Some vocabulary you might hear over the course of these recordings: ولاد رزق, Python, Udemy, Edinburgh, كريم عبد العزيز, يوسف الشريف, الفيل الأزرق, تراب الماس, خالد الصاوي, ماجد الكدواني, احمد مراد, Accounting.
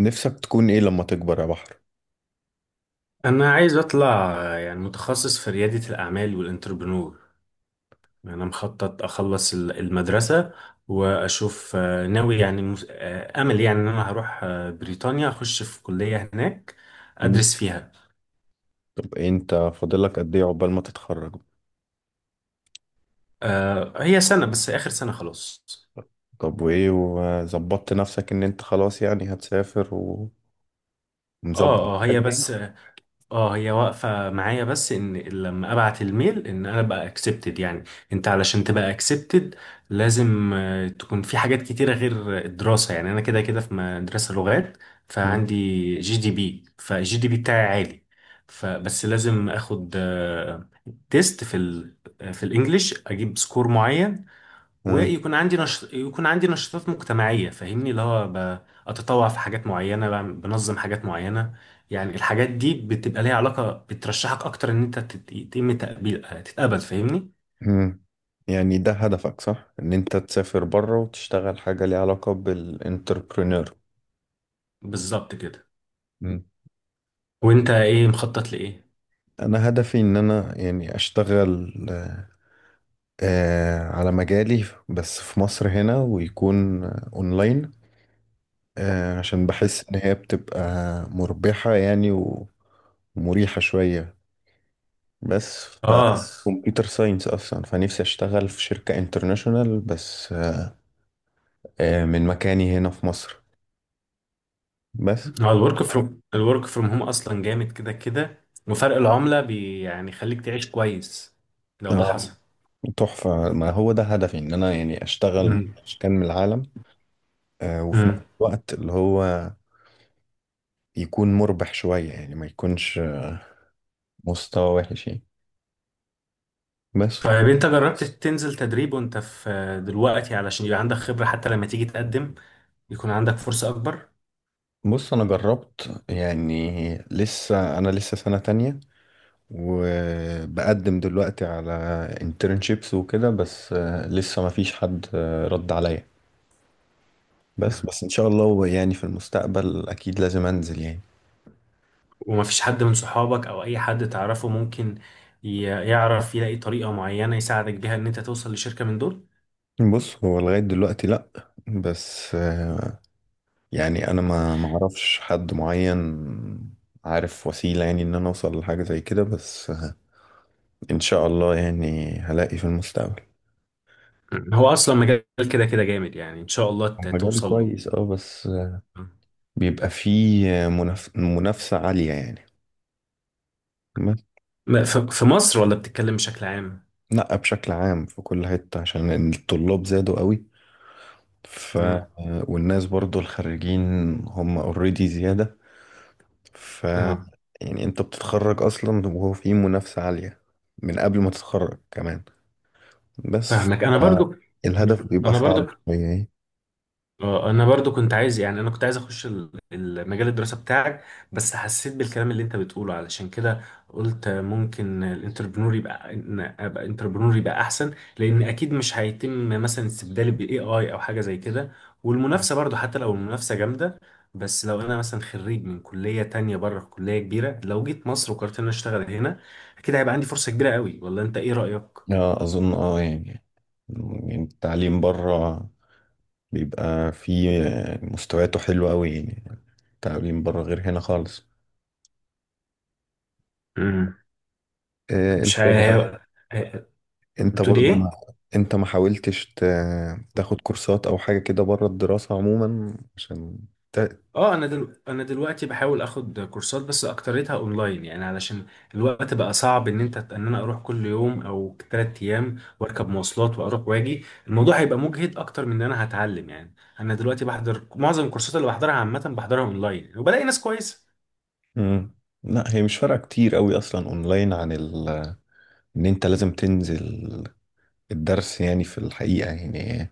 نفسك تكون ايه لما تكبر يا بحر؟ أنا عايز أطلع يعني متخصص في ريادة الأعمال والإنتربرنور. أنا مخطط أخلص المدرسة وأشوف ناوي، يعني أمل يعني إن أنا هروح بريطانيا، أخش في كلية هناك مم. أدرس فيها. طب إيه، انت فاضلك قد ايه عقبال ما تتخرج؟ هي سنة بس، آخر سنة خلاص. طب وايه، وظبطت نفسك ان انت خلاص يعني هتسافر ومظبط هي حاجة يعني؟ بس، اه هي واقفة معايا، بس ان لما ابعت الميل ان انا بقى اكسبتد يعني. انت علشان تبقى اكسبتد لازم تكون في حاجات كتيرة غير الدراسة، يعني انا كده كده في مدرسة لغات مم. فعندي جي دي بي، فالجي دي بي بتاعي عالي. فبس لازم اخد تيست في في الانجليش، اجيب سكور معين آه. ويكون عندي يكون عندي نشاطات مجتمعية، فاهمني اللي هو أتطوع في حاجات معينة، بنظم حاجات معينة. يعني الحاجات دي بتبقى ليها علاقة بترشحك أكتر، إن أنت يتم تقبيل تتقبل، فاهمني. مم. يعني ده هدفك، صح؟ ان انت تسافر بره وتشتغل حاجة ليها علاقة بالانتربرينور. بالظبط كده. مم. وأنت إيه مخطط لإيه؟ انا هدفي ان انا يعني اشتغل على مجالي، بس في مصر هنا ويكون اونلاين، عشان بحس ان هي بتبقى مربحة يعني ومريحة شوية. بس ف آه، كمبيوتر ساينس اصلا، فنفسي اشتغل في شركة انترناشونال، بس من مكاني هنا في مصر، بس. هو الورك فروم هوم أصلا جامد، كده كده وفرق العملة يعني يخليك تعيش كويس لو ده اه، حصل. تحفة. ما هو ده هدفي ان انا يعني اشتغل من مكان من العالم، وفي نفس مم. الوقت اللي هو يكون مربح شوية يعني، ما يكونش مستوى وحش يعني. بس. طيب انت جربت تنزل تدريب وانت في دلوقتي، علشان يبقى عندك خبرة حتى لما تيجي تقدم يكون عندك فرصة اكبر. بص، انا جربت يعني. لسه سنة تانية، وبقدم دلوقتي على internships وكده، بس لسه ما فيش حد رد عليا. بس مم. بس ان شاء الله يعني في المستقبل اكيد لازم انزل يعني. ومفيش حد من صحابك او اي حد تعرفه ممكن يعرف يلاقي طريقة معينة يساعدك بيها ان انت توصل لشركة من دول؟ بص، هو لغاية دلوقتي لا. بس يعني انا ما اعرفش حد معين عارف وسيلة يعني ان انا اوصل لحاجة زي كده. بس ان شاء الله يعني هلاقي في المستقبل. مم. هو اصلا مجال كده كده جامد، يعني ان شاء الله هو مجال توصل له. كويس، اه، بس مم. بيبقى فيه منافسة عالية يعني. في مصر ولا بتتكلم بشكل عام؟ لا، بشكل عام، في كل حتة عشان الطلاب زادوا قوي، ف، مم. والناس برضو، الخريجين، هم اوريدي زيادة، ف، اه، يعني انت بتتخرج اصلا وهو في منافسة عالية، من قبل ما تتخرج كمان. بس ف. فاهمك. انا برضو، الهدف بيبقى انا برضو صعب شوية يعني. انا برضو كنت عايز، يعني انا كنت عايز اخش المجال الدراسه بتاعك، بس حسيت بالكلام اللي انت بتقوله، علشان كده قلت ممكن الانتربرنور يبقى، إن ابقى انتربرنور يبقى احسن، لان اكيد مش هيتم مثلا استبدالي بالاي اي او حاجه زي كده. والمنافسه برضو حتى لو المنافسه جامده، بس لو انا مثلا خريج من كليه تانية بره، كليه كبيره، لو جيت مصر وقررت ان أنا اشتغل هنا اكيد هيبقى عندي فرصه كبيره قوي، ولا انت ايه رايك؟ لا، اظن، يعني التعليم بره بيبقى فيه مستوياته حلوة قوي يعني. التعليم بره غير هنا خالص. امم، آه، انت مش عارف انت بتقول برضو ايه. ما انت ما حاولتش تاخد كورسات او حاجة كده بره الدراسة عموما، عشان ت... اه، انا انا دلوقتي بحاول اخد كورسات، بس اكتريتها اونلاين يعني، علشان الوقت بقى صعب ان انت ان انا اروح كل يوم او ثلاث ايام واركب مواصلات واروح واجي، الموضوع هيبقى مجهد اكتر من ان انا هتعلم يعني. انا دلوقتي بحضر معظم الكورسات اللي بحضرها، عامة بحضرها اونلاين وبلاقي ناس كويسة. مم. لا، هي مش فارقة كتير قوي اصلا، اونلاين عن ان انت لازم تنزل الدرس يعني، في الحقيقة يعني.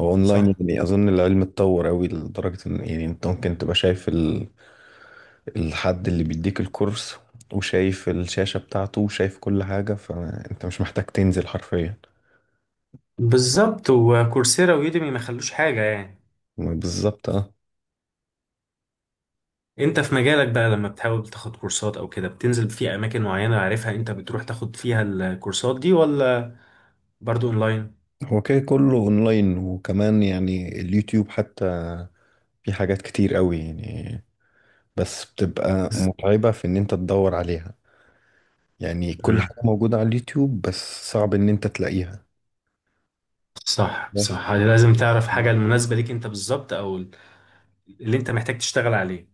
هو اونلاين، صح، يعني اظن العلم اتطور قوي لدرجة ان يعني انت ممكن تبقى شايف الحد اللي بيديك الكورس، وشايف الشاشة بتاعته وشايف كل حاجة، فانت مش محتاج تنزل حرفيا. بالظبط، وكورسيرا ويوديمي ما خلوش حاجة يعني. بالظبط. اه، انت في مجالك بقى، لما بتحاول تاخد كورسات او كده بتنزل في اماكن معينة عارفها انت بتروح تاخد فيها الكورسات دي، ولا برضو اونلاين؟ هو كده كله اونلاين، وكمان يعني اليوتيوب حتى، في حاجات كتير قوي يعني. بس بتبقى متعبة في ان انت تدور عليها، يعني كل حاجة موجودة على اليوتيوب بس صعب ان انت تلاقيها. صح بس. صح، يعني لازم تعرف حاجة المناسبة ليك انت بالظبط، او اللي انت محتاج تشتغل عليه.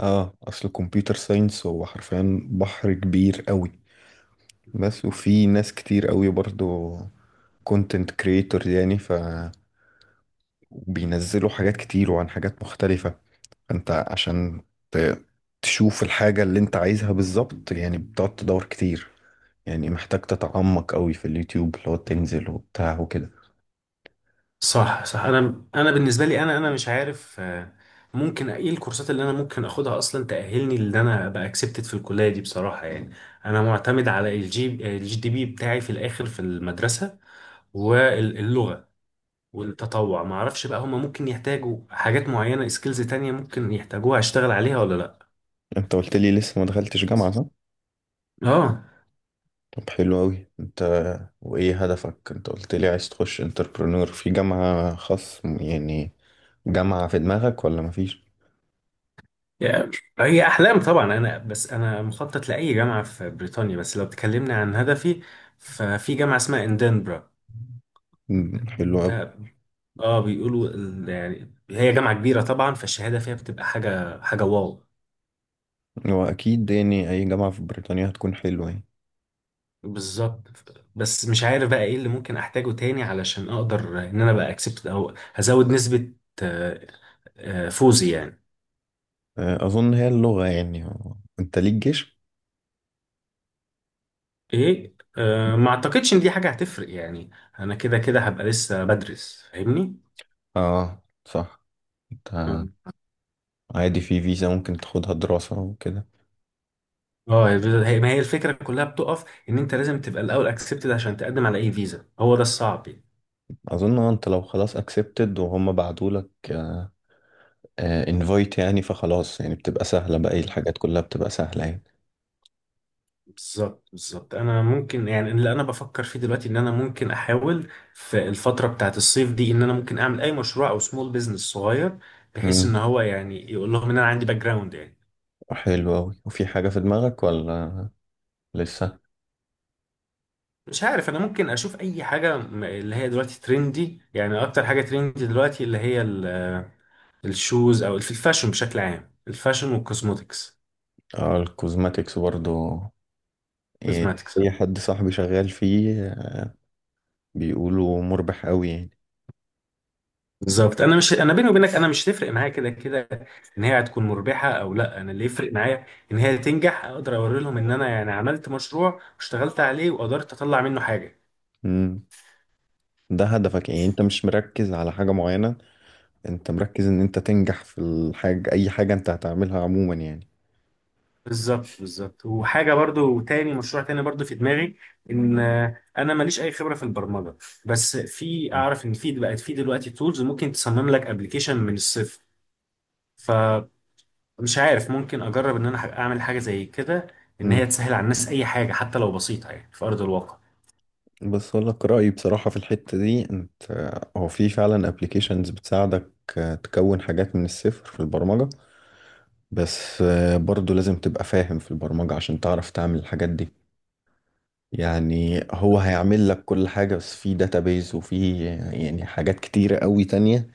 اه، اصل الكمبيوتر ساينس هو حرفيا بحر كبير قوي. بس وفي ناس كتير قوي برضو كونتنت كريتور، يعني ف بينزلوا حاجات كتير وعن حاجات مختلفة. انت عشان ت- تشوف الحاجة اللي انت عايزها بالظبط، يعني بتقعد تدور كتير، يعني محتاج تتعمق قوي في اليوتيوب لو تنزل وبتاع وكده. صح صح. انا بالنسبة لي، انا مش عارف ممكن ايه الكورسات اللي انا ممكن اخدها اصلا تأهلني ان انا ابقى اكسبتد في الكلية دي، بصراحة يعني. انا معتمد على الجي دي بي بتاعي في الاخر في المدرسة، واللغة والتطوع. ما اعرفش بقى هما ممكن يحتاجوا حاجات معينة، سكيلز تانية ممكن يحتاجوها اشتغل عليها ولا لا. انت قلت لي لسه ما دخلتش جامعة، صح؟ اه. طب حلو قوي، انت. وايه هدفك؟ انت قلت لي عايز تخش انتربرنور في جامعة خاص، يعني جامعة في دماغك ولا مفيش؟ يعني هي أحلام طبعا، أنا بس أنا مخطط لأي جامعة في بريطانيا، بس لو تكلمنا عن هدفي ففي جامعة اسمها إندنبرا. مم، حلو قوي. ده، اه، بيقولوا يعني هي جامعة كبيرة طبعا، فالشهادة فيها بتبقى حاجة، حاجة واو. هو اكيد يعني اي جامعة في بريطانيا هتكون حلوة يعني. بالظبط. بس مش عارف بقى ايه اللي ممكن احتاجه تاني علشان اقدر ان انا بقى اكسبت، او هزود نسبة آه، فوزي يعني. اه، اظن هي اللغة يعني. انت ليك جيش؟ ايه ما اعتقدش ان دي حاجة هتفرق يعني، انا كده كده هبقى لسه بدرس فاهمني. اه، صح. انت عادي في فيزا ممكن تاخدها دراسة وكده. اه هي الفيزا، هي ما هي الفكره كلها بتقف ان انت لازم تبقى الاول اكسبتد عشان تقدم على اي فيزا، هو ده الصعب يعني. أظن أنت لو خلاص أكسبتد، وهم بعتولك انفايت، يعني فخلاص يعني بتبقى سهلة بقى، الحاجات كلها بتبقى سهلة يعني. بالظبط بالظبط. انا ممكن يعني، اللي انا بفكر فيه دلوقتي ان انا ممكن احاول في الفتره بتاعت الصيف دي ان انا ممكن اعمل اي مشروع او سمول بيزنس صغير، بحيث ان مم. هو يعني يقول لهم ان انا عندي باك جراوند يعني. حلو أوي. وفي حاجة في دماغك ولا لسه؟ مش عارف، انا ممكن اشوف اي حاجه اللي هي دلوقتي ترندي، يعني اكتر حاجه ترندي دلوقتي اللي هي الشوز، او في الفاشن بشكل عام، الفاشن والكوزموتكس. اه، الكوزماتكس برضو. إيه، كوزماتكس. أي حد صاحبي شغال فيه، بيقولوا مربح أوي يعني. بالظبط. انا مش، انا بيني وبينك انا مش تفرق معايا كده كده ان هي هتكون مربحه او لا، انا اللي يفرق معايا ان هي تنجح، اقدر اوري لهم ان انا يعني عملت مشروع واشتغلت عليه وقدرت اطلع منه حاجه. مم. ده هدفك يعني، انت مش مركز على حاجة معينة، انت مركز ان انت تنجح في الحاجة، اي حاجة انت هتعملها عموما يعني. بالظبط بالظبط. وحاجه برضو تاني، مشروع تاني برضو في دماغي، ان انا ماليش اي خبره في البرمجه، بس في اعرف ان في بقت في دلوقتي تولز ممكن تصمم لك ابلكيشن من الصفر، فمش عارف ممكن اجرب ان انا اعمل حاجه زي كده، ان هي مم. تسهل على الناس اي حاجه حتى لو بسيطه يعني في ارض الواقع. بس اقول لك رايي بصراحه في الحته دي، انت. هو في فعلا ابلكيشنز بتساعدك تكون حاجات من الصفر في البرمجه. بس برضو لازم تبقى فاهم في البرمجه عشان تعرف تعمل الحاجات دي، يعني هو هيعمل لك كل حاجه، بس في داتابيز وفي يعني حاجات كتيره قوي تانية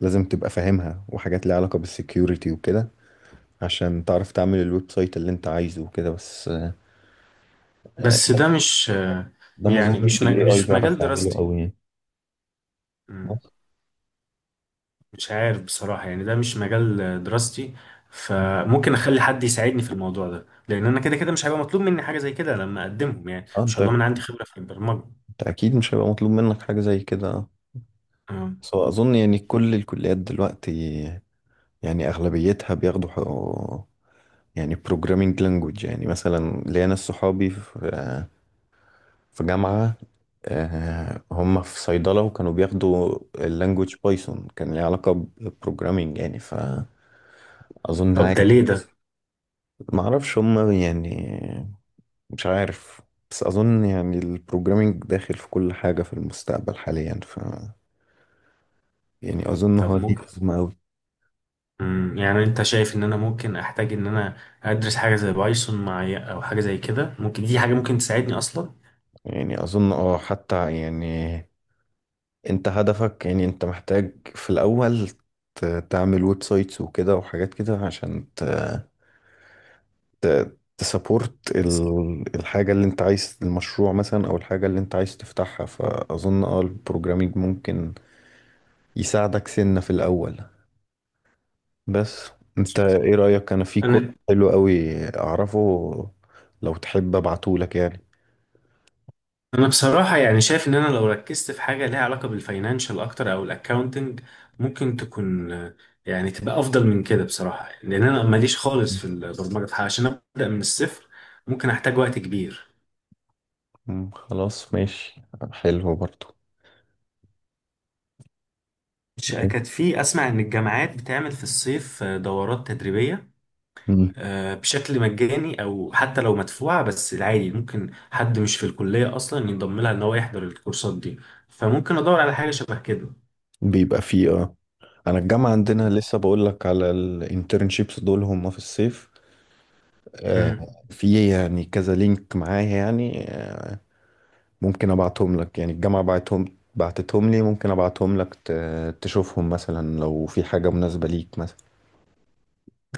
لازم تبقى فاهمها، وحاجات ليها علاقه بالسكيورتي وكده، عشان تعرف تعمل الويب سايت اللي انت عايزه وكده. بس آه، بس ده مش ده ما يعني اظنش الاي اي مش مجال بيعرف يعمله دراستي. قوي يعني. مم. بس. مش عارف بصراحة يعني، ده مش مجال دراستي، فممكن اخلي حد يساعدني في الموضوع ده، لان انا كده كده مش هيبقى مطلوب مني حاجة زي كده لما اقدمهم، يعني اه، ان انت شاء الله من عندي خبرة في البرمجة. انت اكيد مش هيبقى مطلوب منك حاجة زي كده. مم. بس هو اظن يعني كل الكليات دلوقتي، يعني اغلبيتها بياخدوا يعني بروجرامينج لانجوج. يعني مثلا ليا ناس صحابي في جامعة، هم في صيدلة وكانوا بياخدوا اللانجوج بايثون، كان ليه علاقة بالبروجرامينج يعني، فأظن. طب ده عادي، ليه ده؟ معرفش هم يعني، مش عارف. بس أظن يعني البروجرامينج داخل في كل حاجة في المستقبل حاليا، ف، يعني أظن طب هو دي ممكن، الأزمة أوي. مم. يعني انت شايف ان انا ممكن احتاج ان انا ادرس حاجة زي بايثون معايا، او حاجة زي كده ممكن دي حاجة ممكن تساعدني اصلا؟ يعني اظن اه حتى، يعني انت هدفك، يعني انت محتاج في الاول ت- تعمل ويب سايتس وكده، وحاجات كده عشان تسابورت الحاجة اللي انت عايز، المشروع مثلا او الحاجة اللي انت عايز تفتحها، فاظن اه البروجرامينج ممكن يساعدك سنة في الاول. بس انت ايه رأيك؟ انا في كورس انا حلو قوي اعرفه، لو تحب ابعتهولك يعني. انا بصراحة يعني شايف ان انا لو ركزت في حاجة ليها علاقة بالفاينانشال اكتر، او الاكاونتنج، ممكن تكون يعني تبقى افضل من كده بصراحة، لان انا ماليش خالص في البرمجة عشان ابدأ من الصفر، ممكن احتاج وقت كبير. مم، خلاص ماشي. حلو برضو. كانت في اسمع ان الجامعات بتعمل في الصيف دورات تدريبية، مم. بشكل مجاني او حتى لو مدفوعة، بس العادي ممكن حد مش في الكلية اصلا ينضم لها، ان هو يحضر الكورسات دي، فممكن ادور على حاجة شبه كده. بيبقى فيه، اه. انا الجامعه عندنا، لسه بقول لك على الانترنشيبس دول هم في الصيف، آه، مم. في يعني كذا لينك معايا يعني، ممكن ابعتهم لك يعني. الجامعه بعتتهم لي، ممكن ابعتهم لك تشوفهم مثلا لو في حاجه مناسبه ليك مثلا.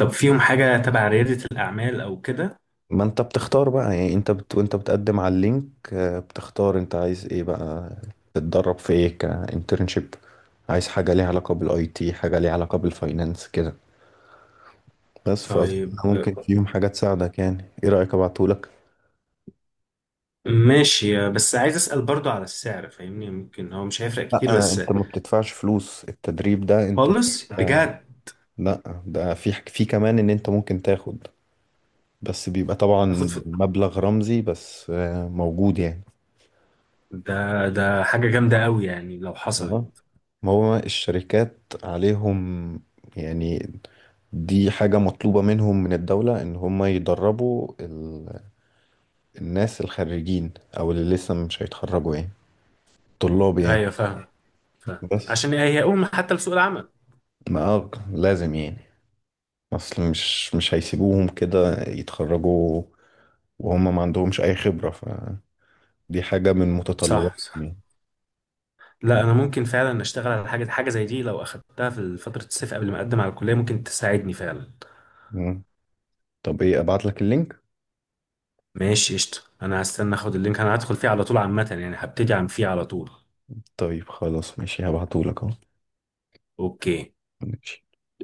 طب فيهم حاجة تبع ريادة الأعمال أو كده؟ ما انت بتختار بقى، يعني انت وانت بتقدم على اللينك، بتختار انت عايز ايه بقى، تتدرب في ايه كانترنشيب؟ عايز حاجه ليها علاقه بالاي تي، حاجه ليها علاقه بالفاينانس، كده. بس فأظن طيب ممكن فيهم حاجة تساعدك يعني، ايه رأيك ابعتهولك؟ ماشي، بس عايز أسأل برضو على السعر فاهمني، ممكن هو مش هيفرق لا كتير بس. انت ما بتدفعش فلوس التدريب ده، انت. خالص؟ بجد؟ لا، ده في كمان ان انت ممكن تاخد. بس بيبقى أخد طبعا في؟ مبلغ رمزي، بس موجود يعني. ده، ده حاجة جامدة أوي يعني لو حصلت. آه. ما هو الشركات عليهم يعني، دي حاجة مطلوبة منهم من الدولة ان هم يدربوا الناس الخريجين، او اللي لسه مش هيتخرجوا يعني، طلاب يعني. أيوة فاهم، فاهم، بس عشان هي أم حتى لسوق العمل. ما لازم يعني. اصل مش هيسيبوهم كده يتخرجوا وهم ما عندهمش اي خبرة، فدي حاجة من صح متطلباتهم صح. يعني. لا أنا ممكن فعلا أشتغل على حاجة، حاجة زي دي لو أخدتها في فترة الصيف قبل ما أقدم على الكلية ممكن تساعدني فعلا. مم. طب ايه، ابعت لك اللينك؟ ماشي قشطة، أنا هستنى أخد اللينك، أنا هدخل فيه على طول عامة يعني، هبتدي عن فيه على طول. طيب خلاص ماشي، هبعته لك اهو. أوكي. ماشي.